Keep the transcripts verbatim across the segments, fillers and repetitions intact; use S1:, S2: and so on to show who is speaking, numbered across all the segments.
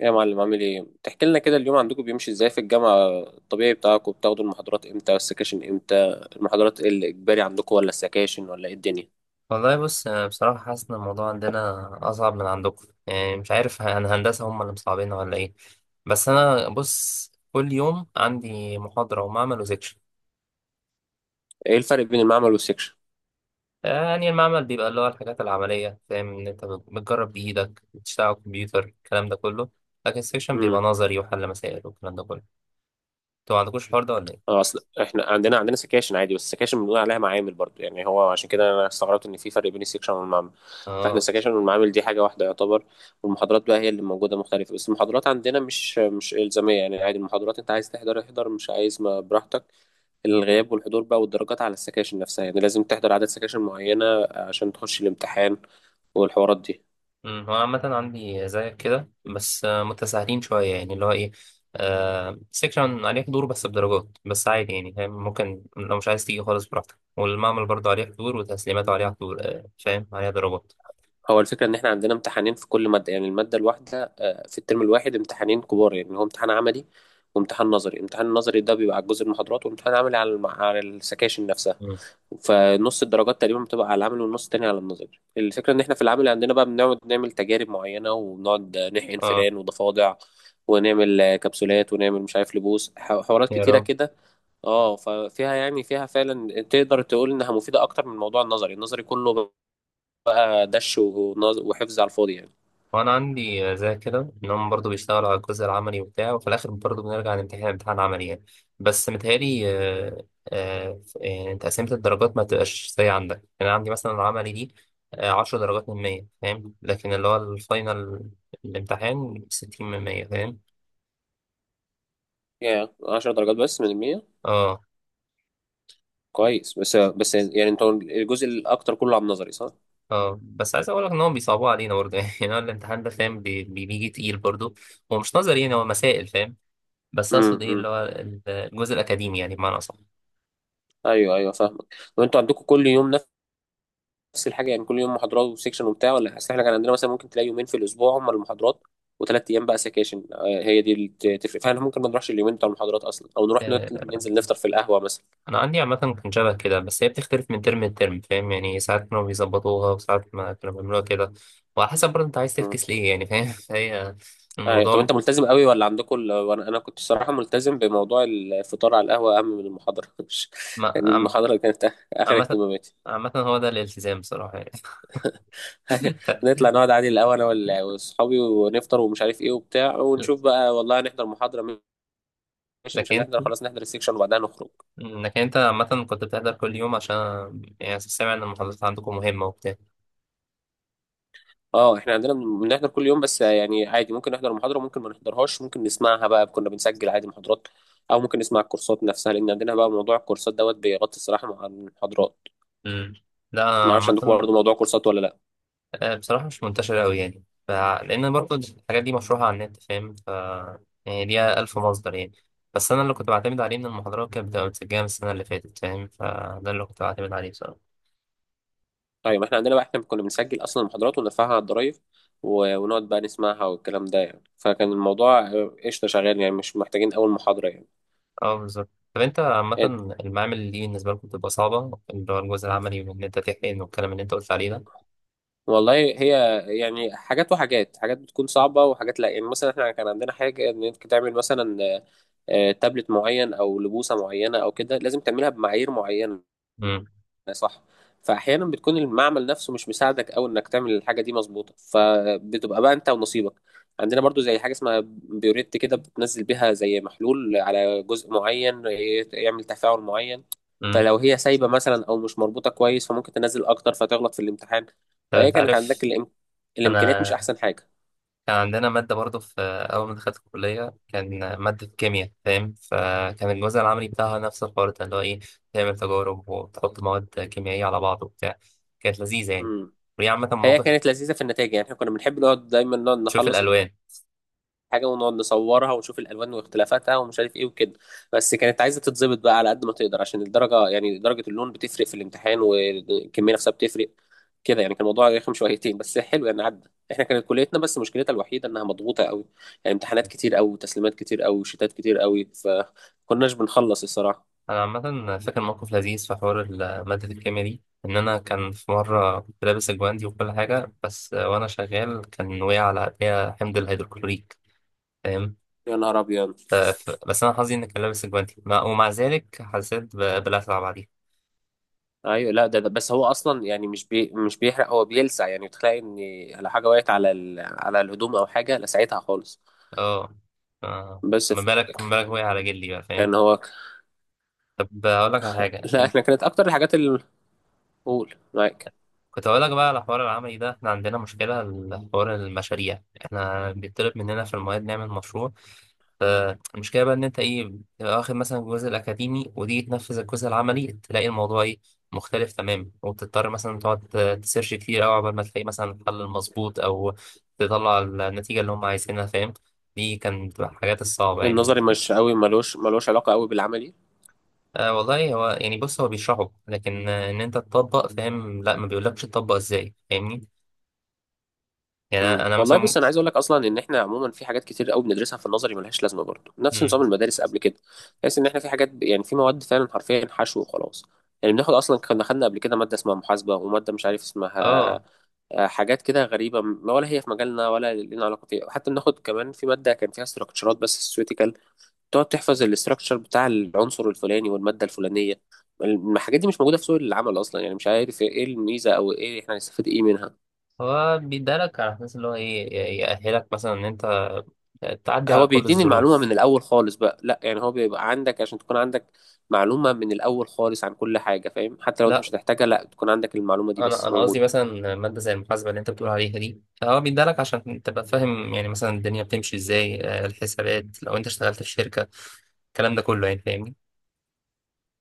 S1: يا معلم، عامل ايه؟ تحكي لنا كده اليوم؟ عندكم بيمشي ازاي في الجامعة؟ الطبيعي بتاعكم، بتاخدوا المحاضرات امتى والسكاشن امتى؟ المحاضرات ايه الاجباري عندكم، ولا السكاشن ولا ايه الدنيا؟
S2: والله بص، أنا بصراحة حاسس إن الموضوع عندنا أصعب من عندكم. يعني مش عارف ه- يعني هندسة هم اللي مصعبين ولا إيه؟ بس أنا بص، كل يوم عندي محاضرة ومعمل وسكشن.
S1: ايه الفرق بين المعمل والسكشن؟
S2: يعني المعمل بيبقى اللي هو الحاجات العملية، فاهم؟ إن أنت بت- بتجرب بإيدك، بتشتغل على الكمبيوتر، الكلام ده كله. لكن السكشن بيبقى
S1: امم.
S2: نظري وحل مسائل والكلام ده كله. أنتوا ما عندكوش الحوار ده ولا إيه؟
S1: اه، اصل احنا عندنا عندنا سكاشن عادي، بس السكاشن بنقول عليها معامل برضو. يعني هو عشان كده انا استغربت ان في فرق بين السكشن والمعمل. فاحنا
S2: آه.
S1: السكاشن والمعامل دي حاجة واحدة يعتبر. والمحاضرات بقى هي اللي موجودة مختلفة، بس المحاضرات عندنا مش مش إلزامية. يعني عادي المحاضرات، انت عايز تحضر احضر، مش عايز ما براحتك. الغياب والحضور بقى والدرجات على السكاشن نفسها، يعني لازم تحضر عدد سكاشن معينة عشان تخش الامتحان والحوارات دي.
S2: مم، هو عامة عندي زيك كده، بس آه، متساهلين شوية يعني. اللي هو ايه، آه، سيكشن عليك دور بس بدرجات، بس عادي يعني، فاهم؟ ممكن لو مش عايز تيجي خالص براحتك. والمعمل برضه عليه حضور، وتسليماته عليها حضور، آه فاهم، عليها درجات.
S1: هو الفكرة إن إحنا عندنا امتحانين في كل مادة، يعني المادة الواحدة، آه، في الترم الواحد امتحانين كبار، يعني هو امتحان عملي وامتحان نظري. الامتحان النظري ده بيبقى على جزء المحاضرات، وامتحان عملي على الم- على السكاشن نفسها.
S2: مم.
S1: فنص الدرجات تقريبا بتبقى على العمل، والنص التاني على النظري. الفكرة إن إحنا في العمل عندنا بقى بنقعد نعمل تجارب معينة، وبنقعد نحقن
S2: اه.
S1: فئران وضفادع، ونعمل آه، كبسولات، ونعمل مش عارف لبوس، ح- حوارات
S2: يا
S1: كتيرة
S2: رب.
S1: كده. اه، ففيها، يعني فيها فعلا تقدر تقول انها مفيده اكتر من الموضوع النظري. النظري كله بقى دش، ونظ- وحفظ على الفاضي يعني.
S2: وانا عندي زي كده، ان هم برضه بيشتغلوا على الجزء العملي وبتاع، وفي الاخر برضه بنرجع نمتحن امتحان عملي يعني. بس متهيألي آه، آه، يعني تقسيمة الدرجات ما تبقاش زي عندك. يعني عندي مثلا العملي دي آه، عشر درجات من مية، فاهم؟ لكن اللي هو الفاينل، الامتحان، ستين من مية، فاهم؟
S1: يعني عشرة درجات بس من المية.
S2: اه.
S1: كويس، بس بس يعني انتوا الجزء الاكتر كله على النظري، صح؟
S2: اه، بس عايز اقول لك ان هم بيصعبوا علينا برضه. يعني هو الامتحان ده فاهم، بي- بي- بيجي تقيل برضه. هو مش نظري، يعني هو مسائل، فاهم؟ بس
S1: امم
S2: اقصد ايه
S1: امم.
S2: اللي هو الجزء الاكاديمي يعني، بمعنى اصح.
S1: ايوه ايوه فاهمك. طب انتوا عندكم كل يوم نفس الحاجه؟ يعني كل يوم محاضرات وسكشن وبتاع، ولا؟ اصل احنا كان عندنا مثلا ممكن تلاقي يومين في الاسبوع هم المحاضرات، وثلاث ايام بقى سكاشن. آه، هي دي اللي ت- تفرق. فاحنا ممكن ما نروحش اليومين بتوع المحاضرات اصلا، او نروح
S2: آه.
S1: نت- ننزل نفطر في القهوه مثلا.
S2: انا عندي عامه كان شبه كده، بس هي بتختلف من ترم لترم، فاهم؟ يعني ساعات كانوا بيظبطوها، وساعات ما كانوا بيعملوها كده. وعلى حسب برضه انت عايز تفكس ليه يعني، فاهم؟ فهي
S1: أي. طب
S2: الموضوع.
S1: انت ملتزم قوي ولا عندكم ال...؟ وانا انا كنت الصراحه ملتزم بموضوع الفطار على القهوه، اهم من المحاضره مش.
S2: ما-
S1: يعني
S2: عم-
S1: المحاضره كانت اخر
S2: عامه.
S1: اهتماماتي.
S2: عامه هو ده الالتزام بصراحه يعني. ف-
S1: نطلع نقعد عادي الاول انا وال- واصحابي، ونفطر ومش عارف ايه وبتاع، ونشوف بقى والله هنحضر محاضره ماشي، مش
S2: لكن انت
S1: هنحضر خلاص، نحضر السكشن وبعدها نخرج.
S2: لكن انت عامه كنت بتحضر كل يوم، عشان يعني سامع ان المحاضرات عندكم مهمه وبتاع.
S1: اه، احنا عندنا بن- بنحضر كل يوم، بس يعني عادي ممكن نحضر محاضره، ممكن ما نحضرهاش، ممكن نسمعها بقى. كنا بنسجل عادي محاضرات، او ممكن نسمع الكورسات نفسها، لان عندنا بقى موضوع الكورسات دوت بيغطي الصراحه مع المحاضرات.
S2: مم. لا
S1: ما اعرفش عندكم
S2: عامه،
S1: برضه موضوع كورسات، ولا؟
S2: آه، بصراحة مش منتشرة أوي يعني، ف... لأن برضه الحاجات دي مشروحة على النت، فاهم؟ ف يعني ليها ألف مصدر يعني. بس أنا اللي كنت بعتمد عليه إن المحاضرات كانت بتبقى متسجلة من السنة اللي فاتت، فاهم؟ فده اللي كنت بعتمد عليه بصراحة.
S1: ايوه، ما احنا عندنا بقى، احنا كنا بنسجل اصلا المحاضرات ونرفعها على الضرايف، و- ونقعد بقى نسمعها والكلام ده يعني. فكان الموضوع، آه، قشطه، شغال، يعني مش محتاجين اول محاضره يعني
S2: أه بالظبط. طب أنت عامة
S1: يعني
S2: المعامل دي بالنسبة لكم بتبقى صعبة؟ اللي هو الجزء العملي، وإن أنت تحقن والكلام اللي أنت قلت عليه ده.
S1: والله، هي يعني حاجات وحاجات. حاجات بتكون صعبه وحاجات لا. يعني مثلا احنا كان عندنا حاجه ان انت تعمل مثلا، آه، آه، تابلت معين او لبوسه معينه او كده، لازم تعملها بمعايير معينه،
S2: امم
S1: صح. فاحيانا بتكون المعمل نفسه مش مساعدك، او انك تعمل الحاجه دي مظبوطه، فبتبقى بقى انت ونصيبك. عندنا برضو زي حاجه اسمها بيوريت كده، بتنزل بيها زي محلول على جزء معين ي- يعمل تفاعل معين.
S2: امم
S1: فلو هي سايبه مثلا او مش مربوطه كويس، فممكن تنزل اكتر فتغلط في الامتحان.
S2: طب
S1: فهي
S2: أنت
S1: كانت
S2: عارف،
S1: عندك الإم... الامكانيات
S2: أنا
S1: مش احسن حاجه.
S2: كان عندنا مادة برضه في أول ما دخلت الكلية، كان مادة كيمياء، فاهم؟ فكان الجزء العملي بتاعها نفس الحوار ده، اللي هو إيه، تعمل تجارب وتحط مواد كيميائية على بعض وبتاع. كانت لذيذة يعني.
S1: امم.
S2: وهي عامة
S1: هي
S2: موقف،
S1: كانت لذيذه في النتائج. يعني احنا كنا بنحب نقعد، دايما نقعد
S2: تشوف
S1: نخلص
S2: الألوان.
S1: حاجه ونقعد نصورها ونشوف الالوان واختلافاتها ومش عارف ايه وكده. بس كانت عايزه تتظبط بقى على قد ما تقدر عشان الدرجه، يعني درجه اللون بتفرق في الامتحان، والكميه نفسها بتفرق كده. يعني كان الموضوع رخم شويتين، بس حلو يعني، عدى. احنا كانت كليتنا بس مشكلتها الوحيده انها مضغوطه قوي، يعني امتحانات كتير قوي، وتسليمات كتير قوي، وشتات كتير قوي. فكناش بنخلص الصراحه.
S2: أنا عامة فاكر موقف لذيذ في حوار ال- مادة الكيمياء دي، إن أنا كان في مرة كنت لابس الجواندي وكل حاجة، بس وأنا شغال كان وقع على إيديا حمض الهيدروكلوريك، فاهم؟
S1: يا نهار ابيض!
S2: ف- ف- بس أنا حظي إني كان لابس الجواندي، مع- ومع ذلك حسيت ب- بلسعة بعديها.
S1: ايوه، لا، ده, ده بس، هو اصلا يعني مش بي مش بيحرق، هو بيلسع. يعني تلاقي ان لو حاجه وقعت على ال... على الهدوم، او حاجه، لسعتها خالص.
S2: اه. آه.
S1: بس
S2: ما
S1: ف...
S2: بالك، ما بالك وقع على جلي بقى، فاهم؟
S1: يعني هو.
S2: طب هقول لك على حاجه
S1: لا
S2: انت.
S1: احنا كانت اكتر الحاجات اللي، قول معاك.
S2: كنت هقول لك بقى على حوار العملي ده، احنا عندنا مشكله لحوار المشاريع، احنا بيطلب مننا في المواد نعمل مشروع. فالمشكله بقى ان انت ايه، بتبقى واخد مثلا الجزء الاكاديمي، وتيجي تنفذ الجزء العملي، تلاقي الموضوع ايه، مختلف تماما. وبتضطر مثلا تقعد تسيرش كتير قوي عقبال ما تلاقي مثلا الحل المظبوط، او تطلع النتيجه اللي هم عايزينها، فاهم؟ دي كانت بتبقى الحاجات الصعبه يعني،
S1: النظري،
S2: بالنسبه لي.
S1: مش قوي، ملوش ملوش علاقه قوي بالعملي.
S2: آه والله، هو يعني بص، هو بيشرحه، لكن آه، ان انت تطبق، فاهم؟ لا، ما بيقولكش تطبق ازاي، فاهمني؟ يعني
S1: امم.
S2: انا أنا
S1: والله
S2: مثلا
S1: بص،
S2: ممكن.
S1: انا عايز اقول لك اصلا ان احنا عموما في حاجات كتير قوي بندرسها في النظري ملهاش لازمه، برضه نفس
S2: مم.
S1: نظام المدارس قبل كده. تحس ان احنا في حاجات ب- يعني في مواد، فعلا حرفيا حشو وخلاص. يعني بناخد اصلا، كنا خدنا قبل كده ماده اسمها محاسبه، وماده مش عارف اسمها،
S2: اه،
S1: آه، حاجات كده غريبه، ما ولا هي في مجالنا ولا لنا علاقه فيها. حتى بناخد كمان في ماده كان فيها استراكشرات بس سويتيكال، تقعد تحفظ الاستراكشر بتاع العنصر الفلاني والمادة الفلانية. الحاجات دي مش موجودة في سوق العمل أصلا، يعني مش عارف إيه الميزة أو إيه، إحنا هنستفيد إيه منها.
S2: هو بيدالك على اساس اللي هو ايه، ي- يأهلك مثلا ان انت تعدي على
S1: هو
S2: كل
S1: بيديني المعلومة
S2: الظروف.
S1: من الأول خالص بقى، لا يعني هو بيبقى عندك عشان تكون عندك معلومة من الأول خالص عن كل حاجة، فاهم، حتى لو أنت
S2: لا،
S1: مش هتحتاجها، لا تكون عندك المعلومة دي
S2: انا
S1: بس
S2: انا قصدي
S1: موجودة.
S2: مثلا ماده زي المحاسبه اللي انت بتقول عليها دي، هو بيدالك عشان تبقى فاهم يعني مثلا الدنيا بتمشي ازاي، آه، الحسابات لو انت اشتغلت في شركه، الكلام ده كله يعني، فاهمني؟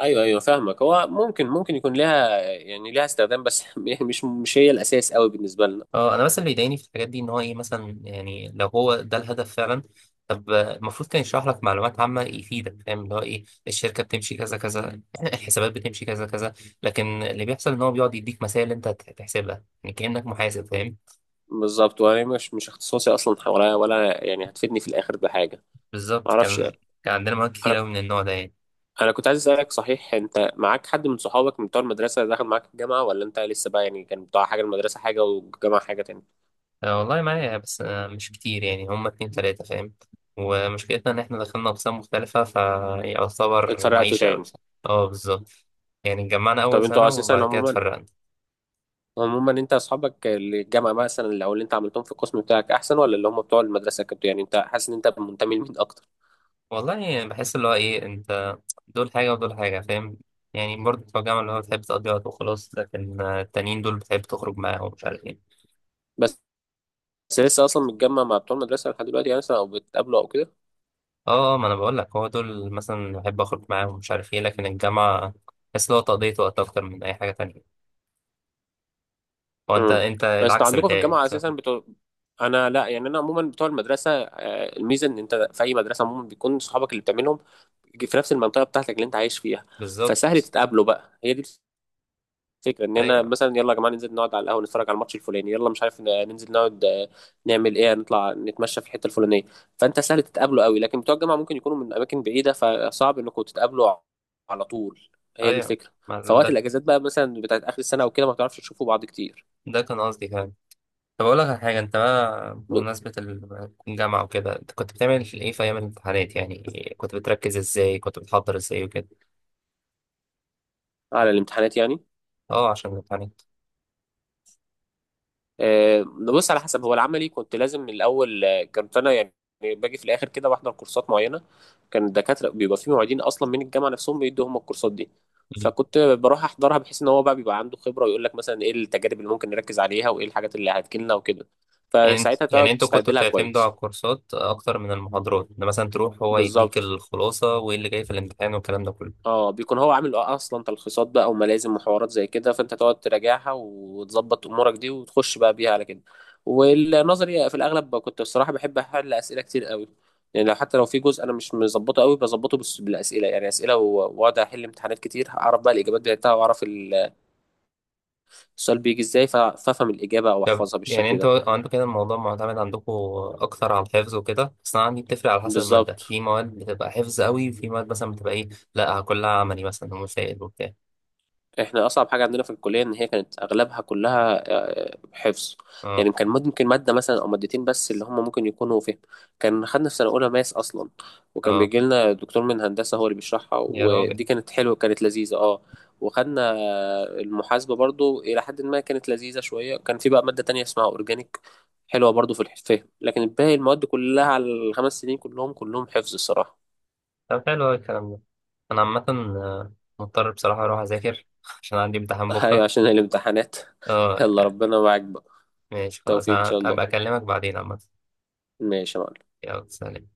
S1: أيوه أيوه فاهمك. هو ممكن ممكن يكون لها، يعني لها استخدام بس يعني مش مش هي الأساس قوي بالنسبة لنا.
S2: اه، انا بس اللي بيضايقني في الحاجات دي ان هو ايه مثلا. يعني لو هو ده الهدف فعلا، طب آه، المفروض كان يشرح لك معلومات عامه يفيدك، فاهم؟ اللي هو ايه، الشركه بتمشي كذا كذا، الحسابات بتمشي كذا كذا. لكن اللي بيحصل ان هو بيقعد يديك مسائل انت هت- هتحسبها، يعني كانك محاسب، فاهم؟
S1: بالظبط، وأنا مش مش اختصاصي أصلا، ولا ولا يعني هتفيدني في الآخر بحاجة،
S2: بالظبط.
S1: معرفش.
S2: كان، كان عندنا مواد كتير
S1: أنا
S2: قوي من النوع ده يعني.
S1: انا كنت عايز اسالك، صحيح، انت معاك حد من صحابك من بتوع المدرسه دخل معاك الجامعه، ولا انت لسه؟ بقى يعني، كان بتوع حاجه، المدرسه حاجه والجامعه حاجه تاني.
S2: آه، والله معايا، بس آه، مش كتير يعني، هما اتنين تلاته فاهم. ومشكلتنا ان احنا دخلنا اقسام مختلفه، فيعتبر
S1: اتفرقتوا
S2: معيشه قوي
S1: تاني.
S2: بصراحه. اه بالظبط. يعني اتجمعنا اول
S1: طب
S2: سنه،
S1: انتوا اساسا،
S2: وبعد كده
S1: عموما
S2: اتفرقنا.
S1: عموما انت اصحابك اللي الجامعه مثلا، اللي او اللي انت عملتهم في القسم بتاعك احسن، ولا اللي هم بتوع المدرسه؟ كنت يعني، انت حاسس ان انت منتمي لمين اكتر؟
S2: والله يعني بحس اللي هو ايه، انت، دول حاجة ودول حاجة، فاهم؟ يعني برضه بتوع الجامعة اللي هو بتحب تقضي وقت وخلاص، لكن آه، التانيين دول بتحب تخرج معاهم ومش عارف ايه.
S1: بس لسه اصلا متجمع مع بتوع المدرسه لحد دلوقتي، يعني مثلا، او بتقابله او كده.
S2: اه، آه، ما انا بقول لك، هو دول مثلا بحب اخرج معاهم ومش عارف ايه، لكن الجامعة بحس اللي هو تقضية وقت اكتر من اي حاجة تانية. هو انت،
S1: امم.
S2: انت
S1: بس انتوا
S2: العكس،
S1: عندكم في
S2: متهيألي،
S1: الجامعه
S2: صح؟
S1: اساسا بتو... انا لا، يعني انا عموما بتوع المدرسه، آه، الميزه ان انت في اي مدرسه عموما بيكون صحابك اللي بتعملهم في نفس المنطقه بتاعتك اللي انت عايش فيها. فسهل
S2: بالظبط.
S1: تتقابلوا بقى. هي دي الفكره، ان انا
S2: ايوه
S1: مثلا يلا يا جماعه ننزل نقعد على القهوه، نتفرج على الماتش الفلاني، يلا مش عارف، ن- ننزل نقعد، آه، نعمل ايه، نطلع نتمشى في الحته الفلانيه. فانت سهل تتقابلوا قوي، لكن بتوع الجامعه ممكن يكونوا من اماكن بعيده، فصعب انكم تتقابلوا على طول. هي دي
S2: ايوه.
S1: الفكره.
S2: ما
S1: فوقت
S2: ده،
S1: الاجازات بقى مثلا، بتاعت اخر السنه او كده، ما بتعرفش تشوفوا بعض كتير.
S2: ده كان قصدي كمان. طب اقول لك على حاجة انت بقى، بمناسبة ال- الجامعة وكده، انت كنت بتعمل ايه في ايام الامتحانات يعني؟ كنت بتركز ازاي، كنت بتحضر ازاي وكده؟
S1: على الامتحانات يعني؟
S2: اه، عشان الامتحانات.
S1: آه، بص على حسب. هو العملي كنت لازم من الاول، آه، كنت انا يعني باجي في الاخر كده بحضر كورسات معينه. كان الدكاتره بيبقى في معيدين اصلا من الجامعه نفسهم بيدوا هم الكورسات دي.
S2: مم.
S1: فكنت بروح احضرها بحيث ان هو بقى بيبقى عنده خبره ويقول لك مثلا ايه التجارب اللي ممكن نركز عليها وايه الحاجات اللي هتجيلنا وكده.
S2: يعني انت،
S1: فساعتها
S2: يعني
S1: تقعد
S2: انتوا
S1: تستعد
S2: كنتوا
S1: لها
S2: بتعتمدوا على
S1: كويس.
S2: الكورسات اكتر من المحاضرات، ان مثلا تروح هو يديك
S1: بالظبط.
S2: الخلاصه وايه اللي جاي في الامتحان والكلام ده كله؟
S1: اه، بيكون هو عامل اصلا تلخيصات بقى وملازم وحوارات زي كده، فانت تقعد تراجعها وتظبط امورك دي وتخش بقى بيها على كده. والنظري في الاغلب كنت بصراحه بحب احل اسئله كتير قوي. يعني لو، حتى لو في جزء انا مش مظبطه قوي، بظبطه بس بالاسئله، يعني اسئله، و- واقعد احل امتحانات كتير، اعرف بقى الاجابات بتاعتها، واعرف ال- السؤال بيجي ازاي، ف- فافهم الاجابه او
S2: طب
S1: احفظها
S2: يعني
S1: بالشكل ده.
S2: انتوا عندكم كده الموضوع معتمد عندكم اكتر على الحفظ وكده؟ بس انا عندي بتفرق على حسب الماده،
S1: بالظبط.
S2: في مواد بتبقى حفظ قوي، وفي مواد مثلا بتبقى ايه، لا كلها عملي مثلا ومسائل وبتاع.
S1: احنا اصعب حاجه عندنا في الكليه ان هي كانت اغلبها كلها، آه، حفظ.
S2: اه.
S1: يعني كان ممكن ماده مثلا او مادتين بس اللي هم ممكن يكونوا فهم. كان خدنا في سنه اولى ماس اصلا، وكان
S2: اه
S1: بيجي لنا دكتور من هندسه هو اللي بيشرحها،
S2: يا
S1: ودي
S2: راجل.
S1: كانت حلوه، كانت لذيذه، اه. وخدنا آه، المحاسبه برضو الى حد ما كانت لذيذه شويه. كان في بقى ماده تانية اسمها اورجانيك، حلوه برضو في الفهم. لكن الباقي المواد كلها على الخمس سنين كلهم كلهم حفظ الصراحه.
S2: طب حلو أوي الكلام ده. انا عامه آه، مضطر بصراحه اروح اذاكر عشان عندي امتحان
S1: ايوه،
S2: بكره.
S1: عشان الامتحانات. يلا
S2: اه.
S1: ربنا معاك بقى،
S2: ماشي خلاص،
S1: توفيق ان
S2: انا
S1: شاء الله.
S2: ابقى اكلمك بعدين عامه.
S1: ماشي يا معلم.
S2: يلا، سلام.